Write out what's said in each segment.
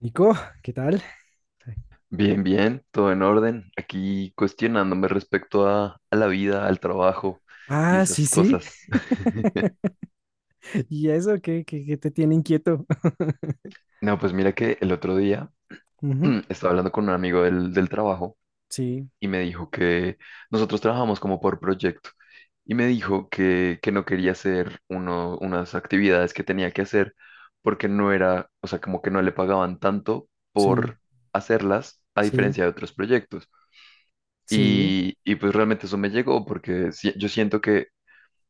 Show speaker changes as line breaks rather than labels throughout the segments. Nico, ¿qué tal?
Bien, bien, todo en orden. Aquí cuestionándome respecto a la vida, al trabajo y
Ah, sí,
esas
sí.
cosas.
¿Y eso qué te tiene inquieto?
No, pues mira que el otro día
Ujú.
estaba hablando con un amigo del trabajo
Sí,
y me dijo que nosotros trabajamos como por proyecto y me dijo que no quería hacer unas actividades que tenía que hacer porque no era, o sea, como que no le pagaban tanto
sí,
por hacerlas a
sí,
diferencia de otros proyectos.
sí,
Y pues realmente eso me llegó porque yo siento que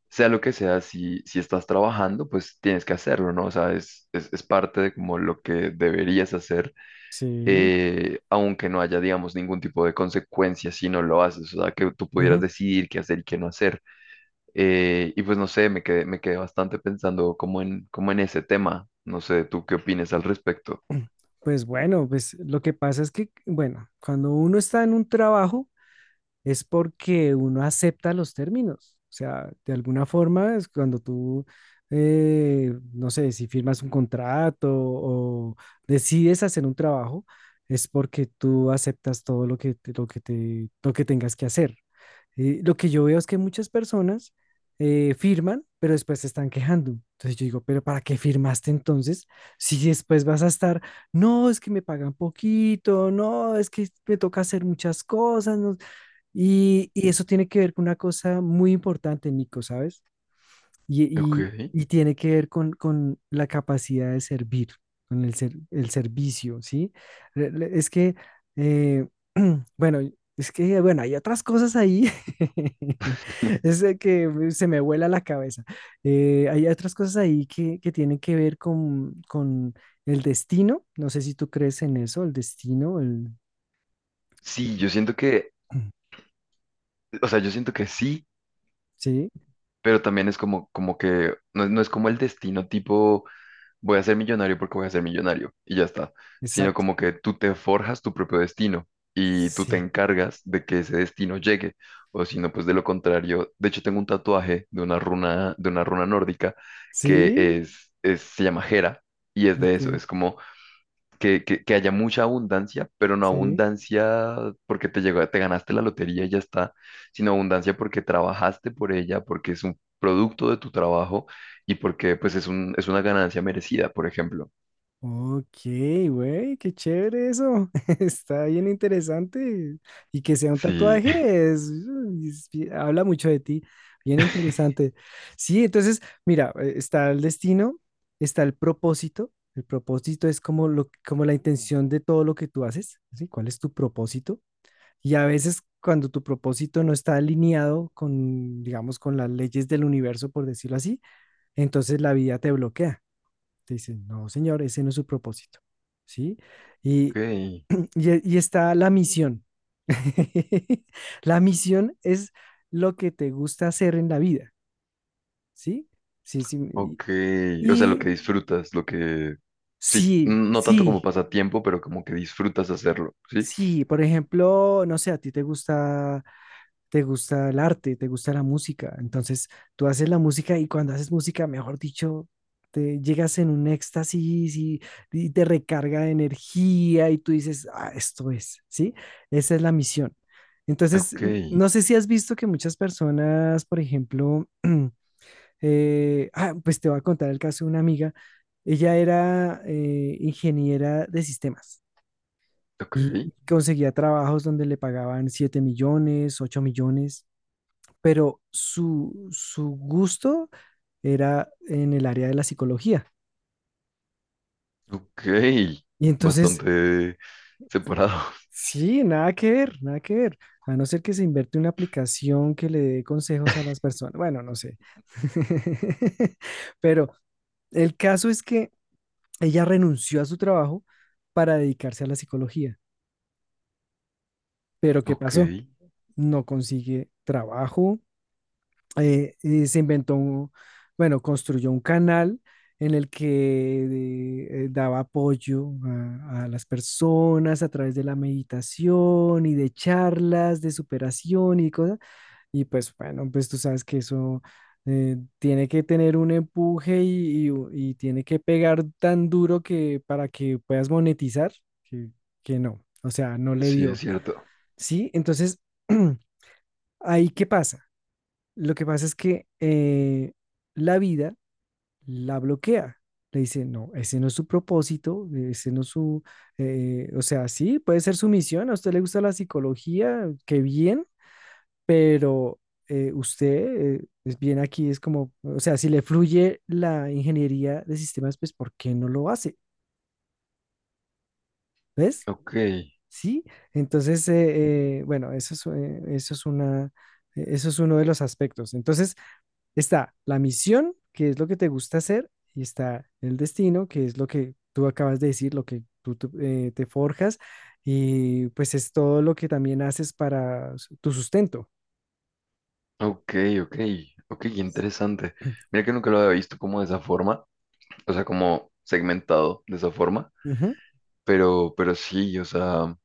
sea lo que sea, si estás trabajando, pues tienes que hacerlo, ¿no? O sea, es parte de como lo que deberías hacer,
sí.
aunque no haya, digamos, ningún tipo de consecuencia si no lo haces, o sea, que tú pudieras
Ujú.
decidir qué hacer y qué no hacer. Y pues no sé, me quedé bastante pensando como en ese tema. No sé, ¿tú qué opinas al respecto?
Pues bueno, pues lo que pasa es que, bueno, cuando uno está en un trabajo es porque uno acepta los términos. O sea, de alguna forma es cuando tú, no sé, si firmas un contrato o decides hacer un trabajo, es porque tú aceptas todo lo que tengas que hacer. Lo que yo veo es que muchas personas firman, pero después se están quejando. Entonces yo digo, pero ¿para qué firmaste entonces? Si después vas a estar, no, es que me pagan poquito, no, es que me toca hacer muchas cosas. No". Y eso tiene que ver con una cosa muy importante, Nico, ¿sabes? Y,
Ok.
y tiene que ver con la capacidad de servir, con el servicio, ¿sí? Es que, eh, bueno, es que, bueno, hay otras cosas ahí. Es de que se me vuela la cabeza. Hay otras cosas ahí que tienen que ver con el destino, no sé si tú crees en eso, el destino.
Sí, yo siento o sea, yo siento que sí,
Sí,
pero también es como que, no, no es como el destino tipo voy a ser millonario porque voy a ser millonario y ya está, sino
exacto.
como que tú te forjas tu propio destino y tú te
Sí,
encargas de que ese destino llegue, o si no, pues de lo contrario, de hecho tengo un tatuaje de una runa nórdica que
sí,
se llama Hera y es de
ok,
eso, es como que haya mucha abundancia, pero no
sí.
abundancia porque te llegó, te ganaste la lotería y ya está, sino abundancia porque trabajaste por ella, porque es un producto de tu trabajo y porque pues es es una ganancia merecida, por ejemplo.
Ok, güey, qué chévere eso. Está bien interesante. Y que sea un
Sí.
tatuaje, habla mucho de ti. Bien interesante. Sí, entonces, mira, está el destino, está el propósito. El propósito es como la intención de todo lo que tú haces, ¿sí? ¿Cuál es tu propósito? Y a veces cuando tu propósito no está alineado con, digamos, con las leyes del universo, por decirlo así, entonces la vida te bloquea. Te dicen, no, señor, ese no es su propósito, ¿sí?
Ok,
Y, y está la misión. La misión es lo que te gusta hacer en la vida, ¿sí? Sí, sí.
ok. O sea, lo
Y
que disfrutas, lo que... Sí,
sí,
no tanto como
sí,
pasatiempo, pero como que disfrutas hacerlo, ¿sí?
sí. Por ejemplo, no sé, a ti te gusta el arte, te gusta la música. Entonces, tú haces la música y cuando haces música, mejor dicho, te llegas en un éxtasis y te recarga de energía y tú dices, ah, esto es, ¿sí? Esa es la misión. Entonces,
Ok,
no sé si has visto que muchas personas, por ejemplo, pues te voy a contar el caso de una amiga. Ella era ingeniera de sistemas
ok,
y conseguía trabajos donde le pagaban 7 millones, 8 millones, pero su gusto era en el área de la psicología.
ok.
Y entonces,
Bastante separado.
sí, nada que ver, nada que ver. A no ser que se inverte una aplicación que le dé consejos a las personas. Bueno, no sé. Pero el caso es que ella renunció a su trabajo para dedicarse a la psicología. Pero ¿qué
Ok,
pasó? No consigue trabajo, eh, eh, se inventó un, bueno, construyó un canal en el que daba apoyo a las personas a través de la meditación y de charlas de superación y cosas. Y pues bueno, pues tú sabes que eso tiene que tener un empuje y tiene que pegar tan duro que para que puedas monetizar, que, que no, o sea, no le
sí, es
dio.
cierto.
Sí, entonces, ahí qué pasa. Lo que pasa es que la vida la bloquea. Le dice, no, ese no es su propósito, ese no es su, o sea, sí, puede ser su misión, a usted le gusta la psicología, qué bien, pero usted es bien aquí, es como, o sea, si le fluye la ingeniería de sistemas, pues, ¿por qué no lo hace? ¿Ves?
Ok,
Sí, entonces, bueno, eso es una, eso es uno de los aspectos. Entonces, está la misión, que es lo que te gusta hacer, y está el destino, que es lo que tú acabas de decir, lo que tú, te forjas, y pues es todo lo que también haces para tu sustento.
ok, ok, ok, interesante. Mira que nunca lo había visto como de esa forma, o sea, como segmentado de esa forma,
Ujú,
pero sí, o sea,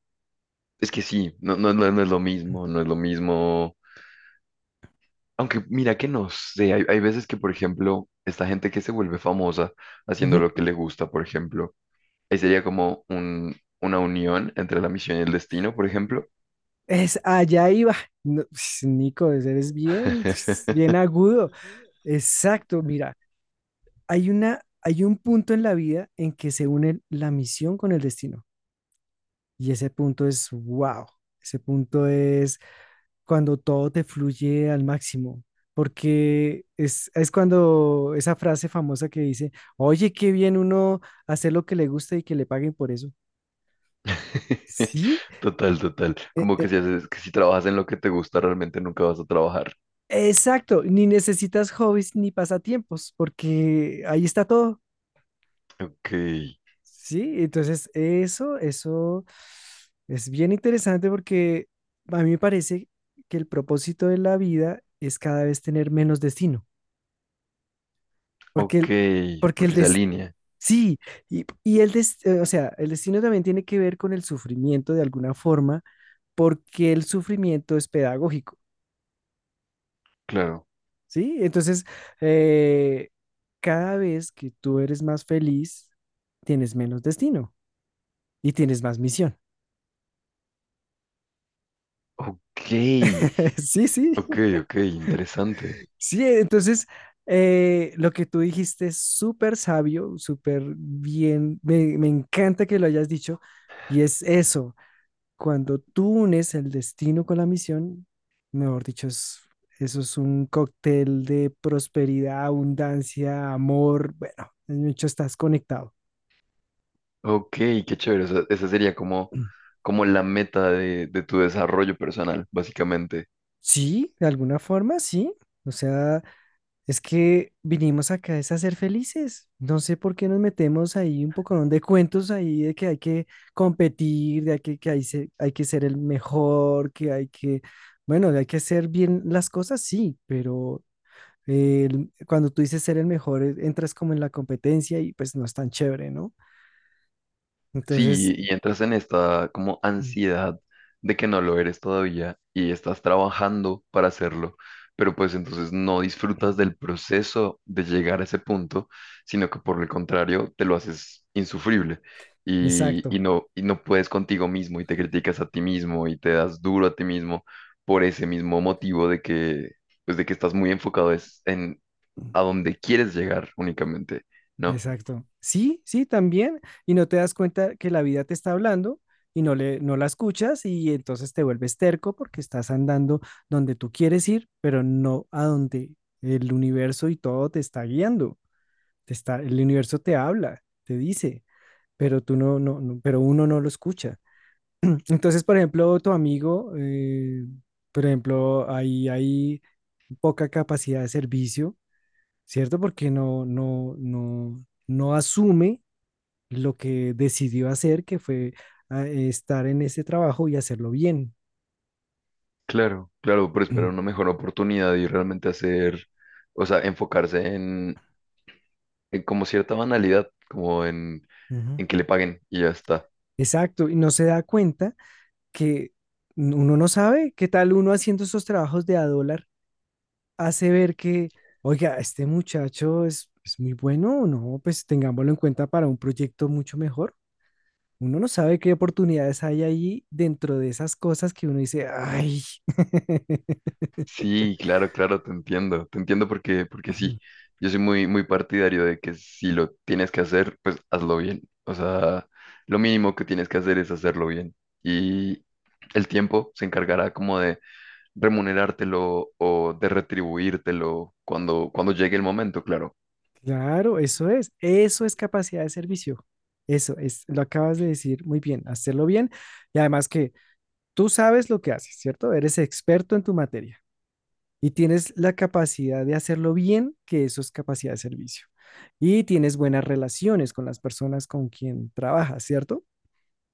es que sí, no es lo mismo, no es lo mismo. Aunque mira que no sé, hay veces que, por ejemplo, esta gente que se vuelve famosa haciendo
ujú.
lo que le gusta, por ejemplo, ahí sería como una unión entre la misión y el destino, por ejemplo.
Es allá iba. No, Nico, eres bien, bien agudo. Exacto, mira, hay un punto en la vida en que se une la misión con el destino. Y ese punto es wow. Ese punto es cuando todo te fluye al máximo, porque es cuando esa frase famosa que dice, oye, qué bien uno hacer lo que le gusta y que le paguen por eso. Sí,
Total, total.
e-
Como que
e-
si haces, que si trabajas en lo que te gusta, realmente nunca vas a trabajar.
exacto, ni necesitas hobbies ni pasatiempos, porque ahí está todo.
Ok,
Sí, entonces eso es bien interesante porque a mí me parece que el propósito de la vida es cada vez tener menos destino, porque
ok,
el, porque el,
porque se
des-
alinea,
Sí, o sea, el destino también tiene que ver con el sufrimiento de alguna forma, porque el sufrimiento es pedagógico,
claro.
¿sí? Entonces, eh, cada vez que tú eres más feliz, tienes menos destino y tienes más misión.
Ok,
Sí, sí,
ok, ok, interesante.
sí. Entonces, lo que tú dijiste es súper sabio, súper bien. Me encanta que lo hayas dicho. Y es eso. Cuando tú unes el destino con la misión, mejor dicho, eso es un cóctel de prosperidad, abundancia, amor. Bueno, en hecho estás conectado.
Ok, qué chévere. O sea, esa sería como,
Mm.
como la meta de tu desarrollo personal, básicamente.
Sí, de alguna forma, sí. O sea, es que vinimos acá es a ser felices. No sé por qué nos metemos ahí un poco de cuentos ahí de que hay que competir, de que, hay que ser el mejor, bueno, hay que hacer bien las cosas, sí, pero cuando tú dices ser el mejor, entras como en la competencia y pues no es tan chévere, ¿no? Entonces.
Sí, y entras en esta como
Mm.
ansiedad de que no lo eres todavía y estás trabajando para hacerlo, pero pues entonces no disfrutas
Mm,
del proceso de llegar a ese punto, sino que por el contrario te lo haces insufrible y,
exacto.
y no puedes contigo mismo y te criticas a ti mismo y te das duro a ti mismo por ese mismo motivo de que, pues de que estás muy enfocado es en
Mm,
a dónde quieres llegar únicamente, ¿no?
exacto. Sí, sí, también. Y no te das cuenta que la vida te está hablando y no la escuchas y entonces te vuelves terco porque estás andando donde tú quieres ir, pero no a donde el universo y todo te está guiando. El universo te habla, te dice, pero tú no, no, no- pero uno no lo escucha. Entonces, por ejemplo, tu amigo, por ejemplo, ahí hay poca capacidad de servicio, ¿cierto? Porque no asume lo que decidió hacer, que fue estar en ese trabajo y hacerlo bien.
Claro, claro, pero esperar una mejor oportunidad y realmente hacer, o sea, enfocarse en como cierta banalidad, como
Ujú.
en que le paguen y ya está.
Exacto, y no se da cuenta que uno no sabe qué tal uno haciendo esos trabajos de a dólar hace ver que, oiga, este muchacho es muy bueno, no, pues tengámoslo en cuenta para un proyecto mucho mejor. Uno no sabe qué oportunidades hay allí dentro de esas cosas que uno dice, ay,
Sí, claro, claro, te entiendo porque, porque sí, yo soy muy, muy partidario de que si lo tienes que hacer, pues hazlo bien. O sea, lo mínimo que tienes que hacer es hacerlo bien y el tiempo se encargará como de remunerártelo o de retribuírtelo cuando llegue el momento, claro.
claro, eso es capacidad de servicio. Eso es, lo acabas de decir muy bien, hacerlo bien y además que tú sabes lo que haces, ¿cierto? Eres experto en tu materia y tienes la capacidad de hacerlo bien, que eso es capacidad de servicio. Y tienes buenas relaciones con las personas con quien trabajas, ¿cierto?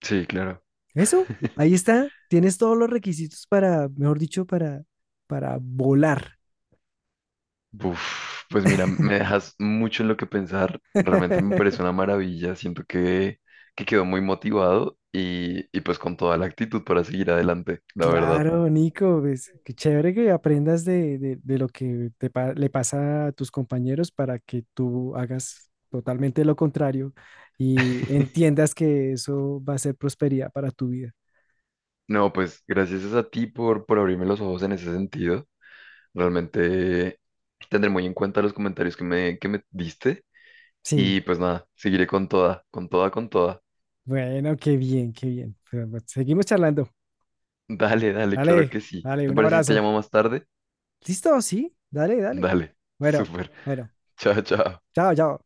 Sí, claro.
Eso, ahí está. Tienes todos los requisitos para, mejor dicho, para volar.
Uf, pues mira, me dejas mucho en lo que pensar. Realmente me parece una maravilla. Siento que quedó muy motivado y pues con toda la actitud para seguir adelante, la verdad.
Claro, Nico, pues, qué chévere que aprendas de lo que le pasa a tus compañeros para que tú hagas totalmente lo contrario y entiendas que eso va a ser prosperidad para tu vida.
No, pues gracias es a ti por abrirme los ojos en ese sentido. Realmente tendré muy en cuenta los comentarios que me diste
Sí,
y pues nada, seguiré con toda, con toda, con toda.
bueno, qué bien, qué bien. Pero, pues, seguimos charlando.
Dale, dale, claro
Dale,
que sí.
dale,
¿Te
un
parece si te
abrazo.
llamo más tarde?
¿Listo? Sí, dale, dale.
Dale,
Bueno,
súper.
bueno,
Chao, chao.
chao, chao.